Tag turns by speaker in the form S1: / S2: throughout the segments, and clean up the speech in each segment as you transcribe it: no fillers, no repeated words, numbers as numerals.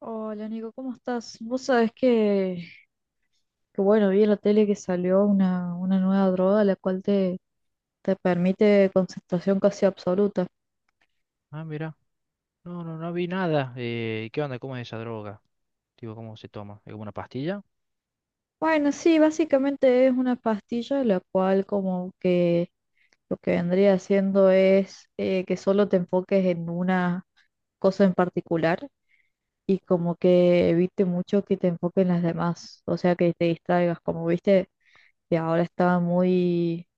S1: Hola Nico, ¿cómo estás? Vos sabés que bueno, vi en la tele que salió una nueva droga la cual te permite concentración casi absoluta.
S2: Ah, mira. No, no, no vi nada. ¿Qué onda? ¿Cómo es esa droga? Tipo, ¿cómo se toma? ¿Es como una pastilla?
S1: Bueno, sí, básicamente es una pastilla la cual como que lo que vendría haciendo es que solo te enfoques en una cosa en particular y como que evite mucho que te enfoques en las demás, o sea que te distraigas, como viste que ahora estaba muy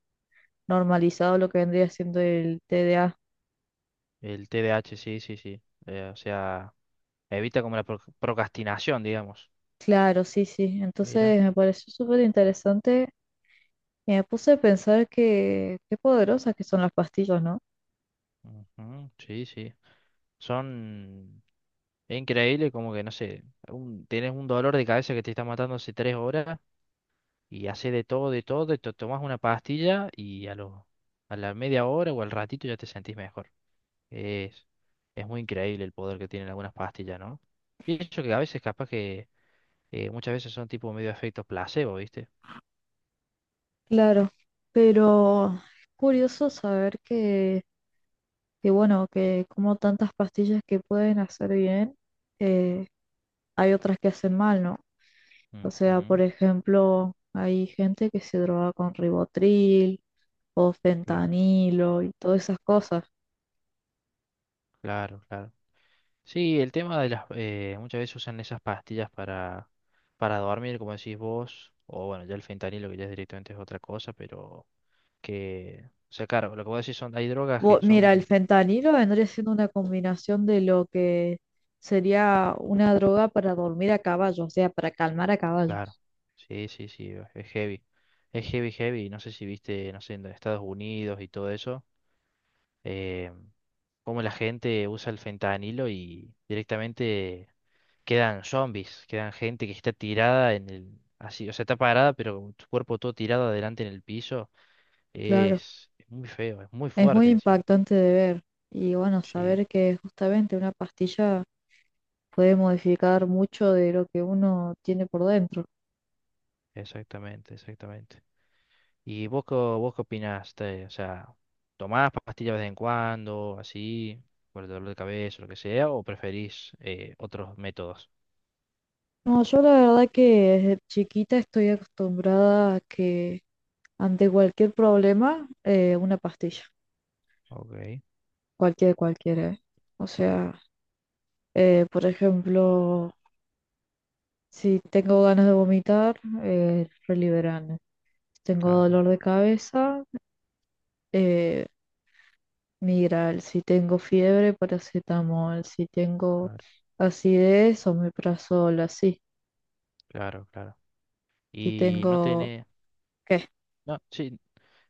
S1: normalizado lo que vendría siendo el TDA.
S2: El TDAH, sí, sí, sí. O sea, evita como la procrastinación, digamos.
S1: Claro, sí, sí.
S2: Mira.
S1: Entonces me pareció súper interesante y me puse a pensar que qué poderosas que son las pastillas, ¿no?
S2: Ujú, sí, sí. Son... Es increíble como que, no sé, tenés un dolor de cabeza que te está matando hace 3 horas y haces de todo, y te tomás una pastilla y a la media hora o al ratito ya te sentís mejor. Es, es muy increíble el poder que tienen algunas pastillas, ¿no? Y eso que a veces capaz que muchas veces son tipo medio efectos placebo, ¿viste?
S1: Claro, pero es curioso saber que bueno, que como tantas pastillas que pueden hacer bien, eh, hay otras que hacen mal, ¿no? O sea, por
S2: Ujú,
S1: ejemplo, hay gente que se droga con ribotril o
S2: claro,
S1: fentanilo y todas esas cosas.
S2: claro, claro. Sí, el tema de las, muchas veces usan esas pastillas para dormir, como decís vos, o bueno, ya el fentanilo que ya es directamente es otra cosa, pero que. O sea, claro, lo que vos decís son. Hay drogas que son.
S1: Mira, el fentanilo vendría siendo una combinación de lo que sería una droga para dormir a caballo, o sea, para calmar a
S2: Claro,
S1: caballos.
S2: sí, sí, sí, es heavy. Es heavy, heavy. No sé si viste, no sé, en Estados Unidos y todo eso. eh, Cómo la gente usa el fentanilo y directamente quedan zombies, quedan gente que está tirada en el, así, o sea, está parada, pero con su cuerpo todo tirado adelante en el piso.
S1: Claro,
S2: Es muy feo, es muy
S1: es muy
S2: fuerte encima.
S1: impactante de ver y bueno,
S2: Sí,
S1: saber que justamente una pastilla puede modificar mucho de lo que uno tiene por dentro.
S2: exactamente, exactamente. ¿Y vos, vos qué opinás? O sea, ¿tomás pastillas de vez en cuando, así, por el dolor de cabeza, lo que sea, o preferís otros métodos?
S1: No, yo la verdad que desde chiquita estoy acostumbrada a que ante cualquier problema, una pastilla,
S2: Ok,
S1: cualquiera. ¿Eh? O sea, por ejemplo... Si tengo ganas de vomitar, Reliberán. Si tengo
S2: claro,
S1: dolor de cabeza, eh, Migral. Si tengo fiebre, paracetamol. Si tengo
S2: claro,
S1: acidez, omeprazol, así.
S2: claro, claro.
S1: Si
S2: Y no
S1: tengo...
S2: tiene.
S1: ¿Qué?
S2: No, sí,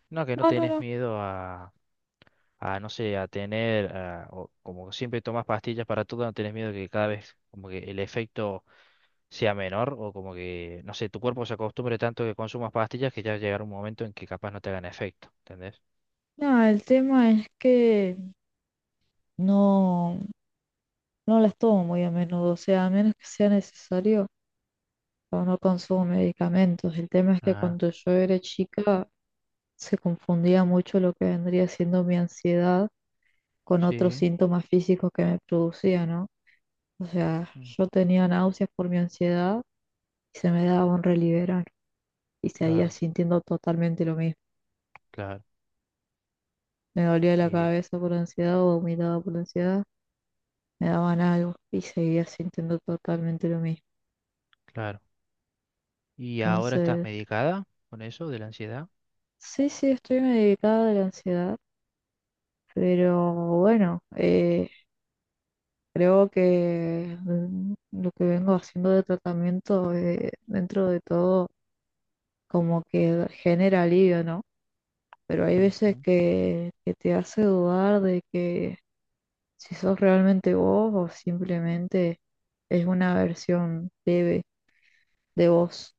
S2: no, que no
S1: No, no,
S2: tenés
S1: no.
S2: miedo a, no sé, o como siempre tomas pastillas para todo, no tenés miedo que cada vez como que el efecto sea menor o como que, no sé, tu cuerpo se acostumbre tanto que consumas pastillas que ya llegará un momento en que capaz no te hagan efecto, ¿entendés?
S1: No, el tema es que no, no las tomo muy a menudo. O sea, a menos que sea necesario, o no consumo medicamentos. El tema es que
S2: Ah,
S1: cuando yo era chica se confundía mucho lo que vendría siendo mi ansiedad con otros
S2: sí,
S1: síntomas físicos que me producía, ¿no? O sea,
S2: mm,
S1: yo tenía náuseas por mi ansiedad y se me daba un Reliberan y seguía
S2: claro,
S1: sintiendo totalmente lo mismo.
S2: claro,
S1: Me dolía la
S2: eh,
S1: cabeza por ansiedad o vomitaba por ansiedad, me daban algo y seguía sintiendo totalmente lo mismo.
S2: claro. ¿Y ahora estás
S1: Entonces,
S2: medicada con eso de la ansiedad?
S1: sí, sí, estoy medicada de la ansiedad, pero bueno, creo que lo que vengo haciendo de tratamiento, dentro de todo, como que genera alivio, ¿no? Pero hay
S2: Ujú,
S1: veces
S2: o
S1: que te hace dudar de que si sos realmente vos o simplemente es una versión leve de vos.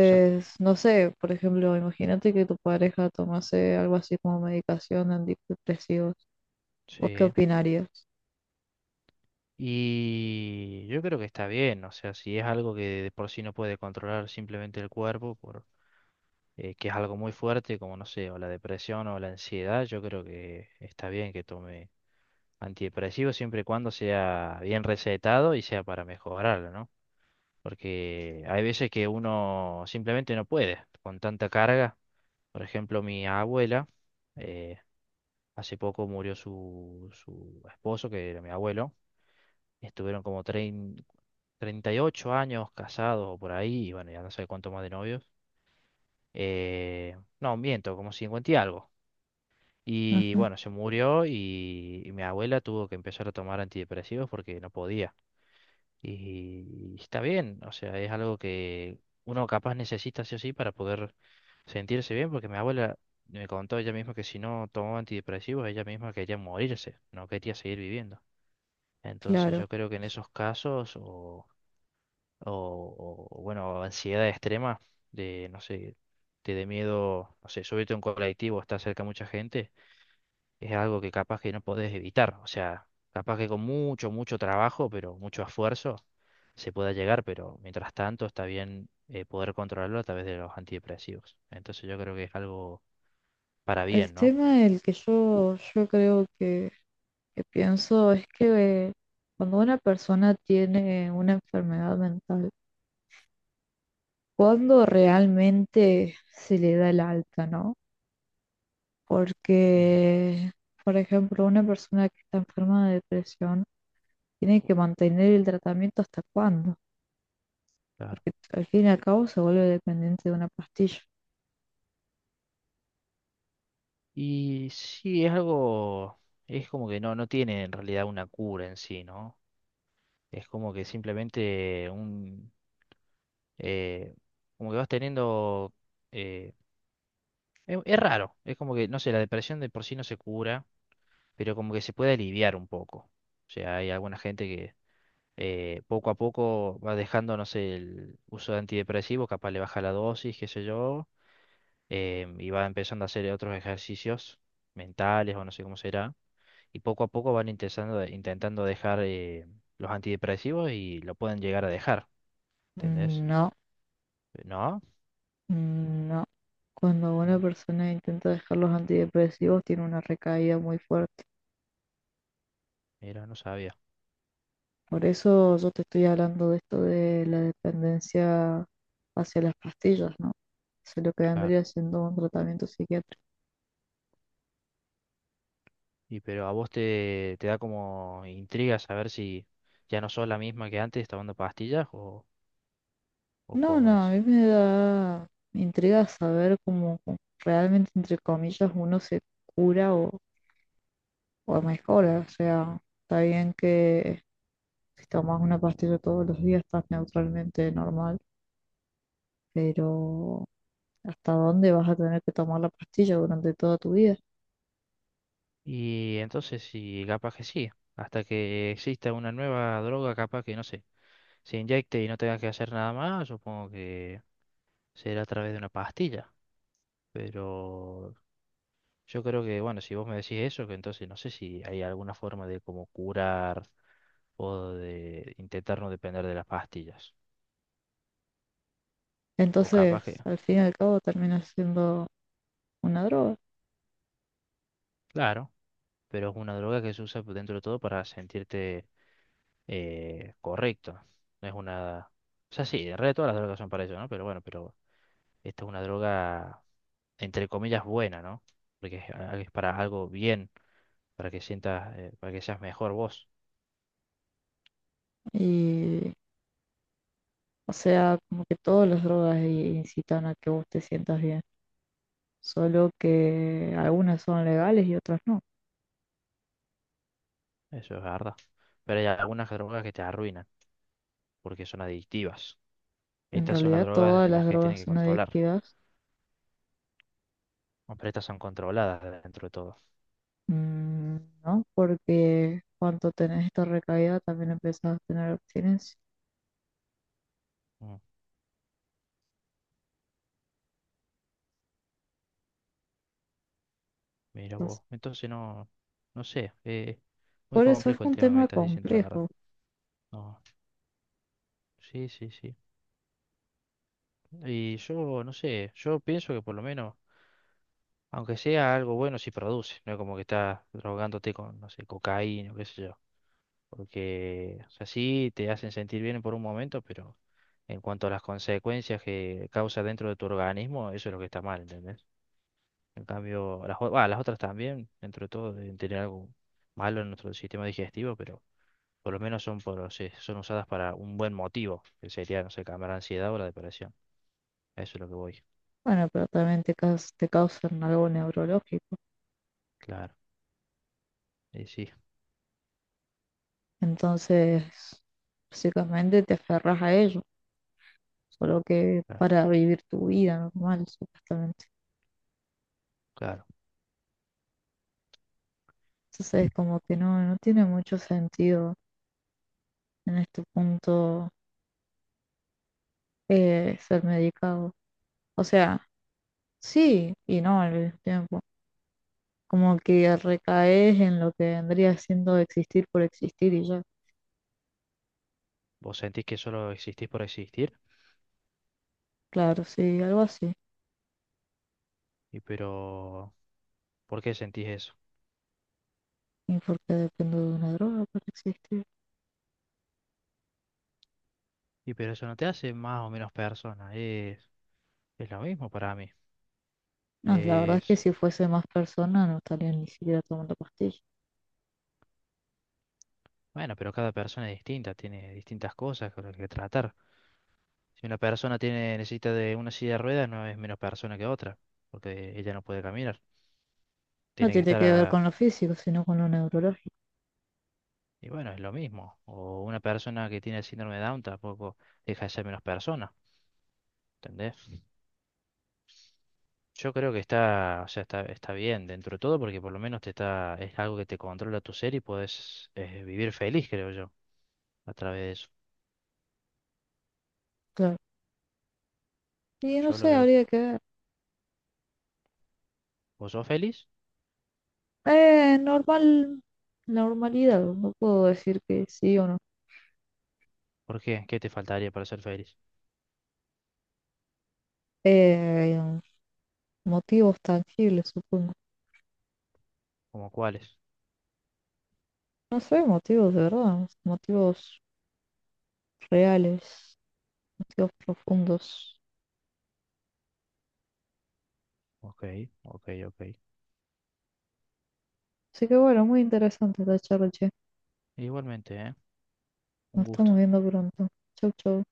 S2: sea,
S1: no sé, por ejemplo, imagínate que tu pareja tomase algo así como medicación antidepresivos. ¿Vos qué
S2: sí.
S1: opinarías?
S2: Y yo creo que está bien, o sea, si es algo que de por sí no puede controlar simplemente el cuerpo, que es algo muy fuerte, como no sé, o la depresión o la ansiedad, yo creo que está bien que tome antidepresivos siempre y cuando sea bien recetado y sea para mejorarlo, ¿no? Porque hay veces que uno simplemente no puede con tanta carga. Por ejemplo, mi abuela, eh, hace poco murió su esposo, que era mi abuelo. Estuvieron como 38 años casados o por ahí, y bueno, ya no sé cuánto más de novios. No, miento, como 50 y algo. Y
S1: Ujú,
S2: bueno, se murió y mi abuela tuvo que empezar a tomar antidepresivos porque no podía. Y está bien, o sea, es algo que uno capaz necesita sí o sí para poder sentirse bien, porque mi abuela me contó ella misma que si no tomaba antidepresivos, ella misma quería morirse, no quería seguir viviendo. Entonces
S1: claro.
S2: yo creo que en esos casos o bueno, ansiedad extrema, de, no sé, te dé miedo, no sé, subirte a un colectivo, estar cerca de mucha gente, es algo que capaz que no podés evitar, o sea, capaz que con mucho, mucho trabajo, pero mucho esfuerzo, se pueda llegar, pero mientras tanto está bien poder controlarlo a través de los antidepresivos. Entonces yo creo que es algo para
S1: El
S2: bien, ¿no?
S1: tema el que yo creo que pienso es que cuando una persona tiene una enfermedad mental, cuando realmente se le da el alta, ¿no?
S2: Ujú.
S1: Porque, por ejemplo, una persona que está enferma de depresión tiene que mantener el tratamiento hasta cuándo,
S2: Claro.
S1: porque al fin y al cabo se vuelve dependiente de una pastilla.
S2: Y sí, es algo, es como que no tiene en realidad una cura en sí, ¿no? Es como que simplemente un eh, como que vas teniendo. eh, Es, raro, es como que, no sé, la depresión de por sí no se cura, pero como que se puede aliviar un poco. O sea, hay alguna gente que poco a poco va dejando, no sé, el uso de antidepresivos, capaz le baja la dosis, qué sé yo, y va empezando a hacer otros ejercicios mentales o no sé cómo será, y poco a poco van intentando, intentando dejar los antidepresivos y lo pueden llegar a dejar, ¿entendés?
S1: No.
S2: ¿No?
S1: No, cuando una
S2: No,
S1: persona intenta dejar los antidepresivos tiene una recaída muy fuerte.
S2: mira, no sabía.
S1: Por eso yo te estoy hablando de esto de la dependencia hacia las pastillas, ¿no? Eso es lo que
S2: Claro.
S1: vendría siendo un tratamiento psiquiátrico.
S2: Y pero a vos te da como intriga saber si ya no sos la misma que antes tomando pastillas o
S1: No,
S2: cómo
S1: no, a
S2: es.
S1: mí me da intriga saber cómo realmente, entre comillas, uno se cura o mejora. O sea, está bien que si tomas una pastilla todos los días estás neutralmente normal, pero hasta dónde vas a tener que tomar la pastilla durante toda tu vida.
S2: Y entonces sí, capaz que sí. Hasta que exista una nueva droga, capaz que no sé, se inyecte y no tenga que hacer nada más, supongo que será a través de una pastilla. Pero yo creo que, bueno, si vos me decís eso, que entonces no sé si hay alguna forma de como curar o de intentar no depender de las pastillas. O
S1: Entonces,
S2: capaz que,
S1: al fin y al cabo, termina siendo una droga.
S2: claro. Pero es una droga que se usa pues, dentro de todo para sentirte correcto. No es una. O sea, sí, en realidad todas las drogas son para eso, ¿no? Pero bueno, pero esta es una droga, entre comillas, buena, ¿no? Porque es para algo bien, para que sientas, para que seas mejor vos.
S1: Y, o sea, como que todas las drogas incitan a que vos te sientas bien, solo que algunas son legales y otras no.
S2: Eso es verdad. Pero hay algunas drogas que te arruinan, porque son adictivas.
S1: En
S2: Estas son las
S1: realidad,
S2: drogas
S1: todas
S2: de las
S1: las
S2: que tienen
S1: drogas
S2: que
S1: son
S2: controlar.
S1: adictivas,
S2: ¿No? Pero estas son controladas dentro de todo.
S1: mm, ¿no? Porque cuando tenés esta recaída, también empezás a tener abstinencia.
S2: Mm. Mira
S1: Entonces,
S2: vos. Entonces no, no sé, muy
S1: por eso es
S2: complejo el
S1: un
S2: tema que me
S1: tema
S2: estás diciendo, la verdad.
S1: complejo.
S2: No, sí, sí, sí. Y yo, no sé, yo pienso que por lo menos, aunque sea algo bueno, si produce, no es como que estás drogándote con, no sé, cocaína o qué sé yo. Porque, o sea, sí te hacen sentir bien por un momento, pero en cuanto a las consecuencias que causa dentro de tu organismo, eso es lo que está mal, ¿entendés? En cambio, bah, las otras también, dentro de todo, deben tener algo malo en nuestro sistema digestivo, pero Por lo menos son, sí, son usadas para un buen motivo, que sería, no sé, calmar la ansiedad o la depresión. A eso es lo que voy.
S1: Bueno, pero también te causan algo neurológico.
S2: Claro, y sí,
S1: Entonces, básicamente te aferras a ello, solo que
S2: claro,
S1: para vivir tu vida normal, supuestamente.
S2: claro.
S1: Entonces, como que no, no tiene mucho sentido en este punto ser medicado. O sea, sí y no al mismo tiempo. Como que recaes en lo que vendría siendo existir por existir y ya.
S2: Vos sentís que solo existís por existir,
S1: Claro, sí, algo así.
S2: pero, ¿por qué sentís eso?
S1: ¿Y por qué dependo de una droga para existir?
S2: Pero eso no te hace más o menos persona, es lo mismo para mí.
S1: No, la verdad es que
S2: Es,
S1: si fuese más persona no estaría ni siquiera tomando pastillas.
S2: bueno, pero cada persona es distinta, tiene distintas cosas con las que tratar. Si una persona necesita de una silla de ruedas, no es menos persona que otra, porque ella no puede caminar.
S1: No
S2: Tiene que
S1: tiene
S2: estar
S1: que ver
S2: a-
S1: con lo físico, sino con lo neurológico,
S2: Y bueno, es lo mismo. O una persona que tiene el síndrome de Down tampoco deja de ser menos persona, ¿entendés? Yo creo que está, o sea, está bien dentro de todo porque por lo menos te está, es algo que te controla tu ser y puedes vivir feliz, creo yo, a través de eso.
S1: claro. Y no
S2: Yo lo
S1: sé,
S2: veo.
S1: habría que ver.
S2: ¿Vos sos feliz?
S1: Normal, normalidad, no puedo decir que sí o no.
S2: ¿Por qué? ¿Qué te faltaría para ser feliz?
S1: Eh, motivos tangibles, supongo.
S2: ¿Cómo cuáles?
S1: No sé, motivos de verdad, motivos reales, motivos profundos.
S2: Ok, ok, ok.
S1: Así que bueno, muy interesante esta charla, che.
S2: Igualmente, ¿eh? Un
S1: Nos estamos
S2: gusto.
S1: viendo pronto. Chau, chau.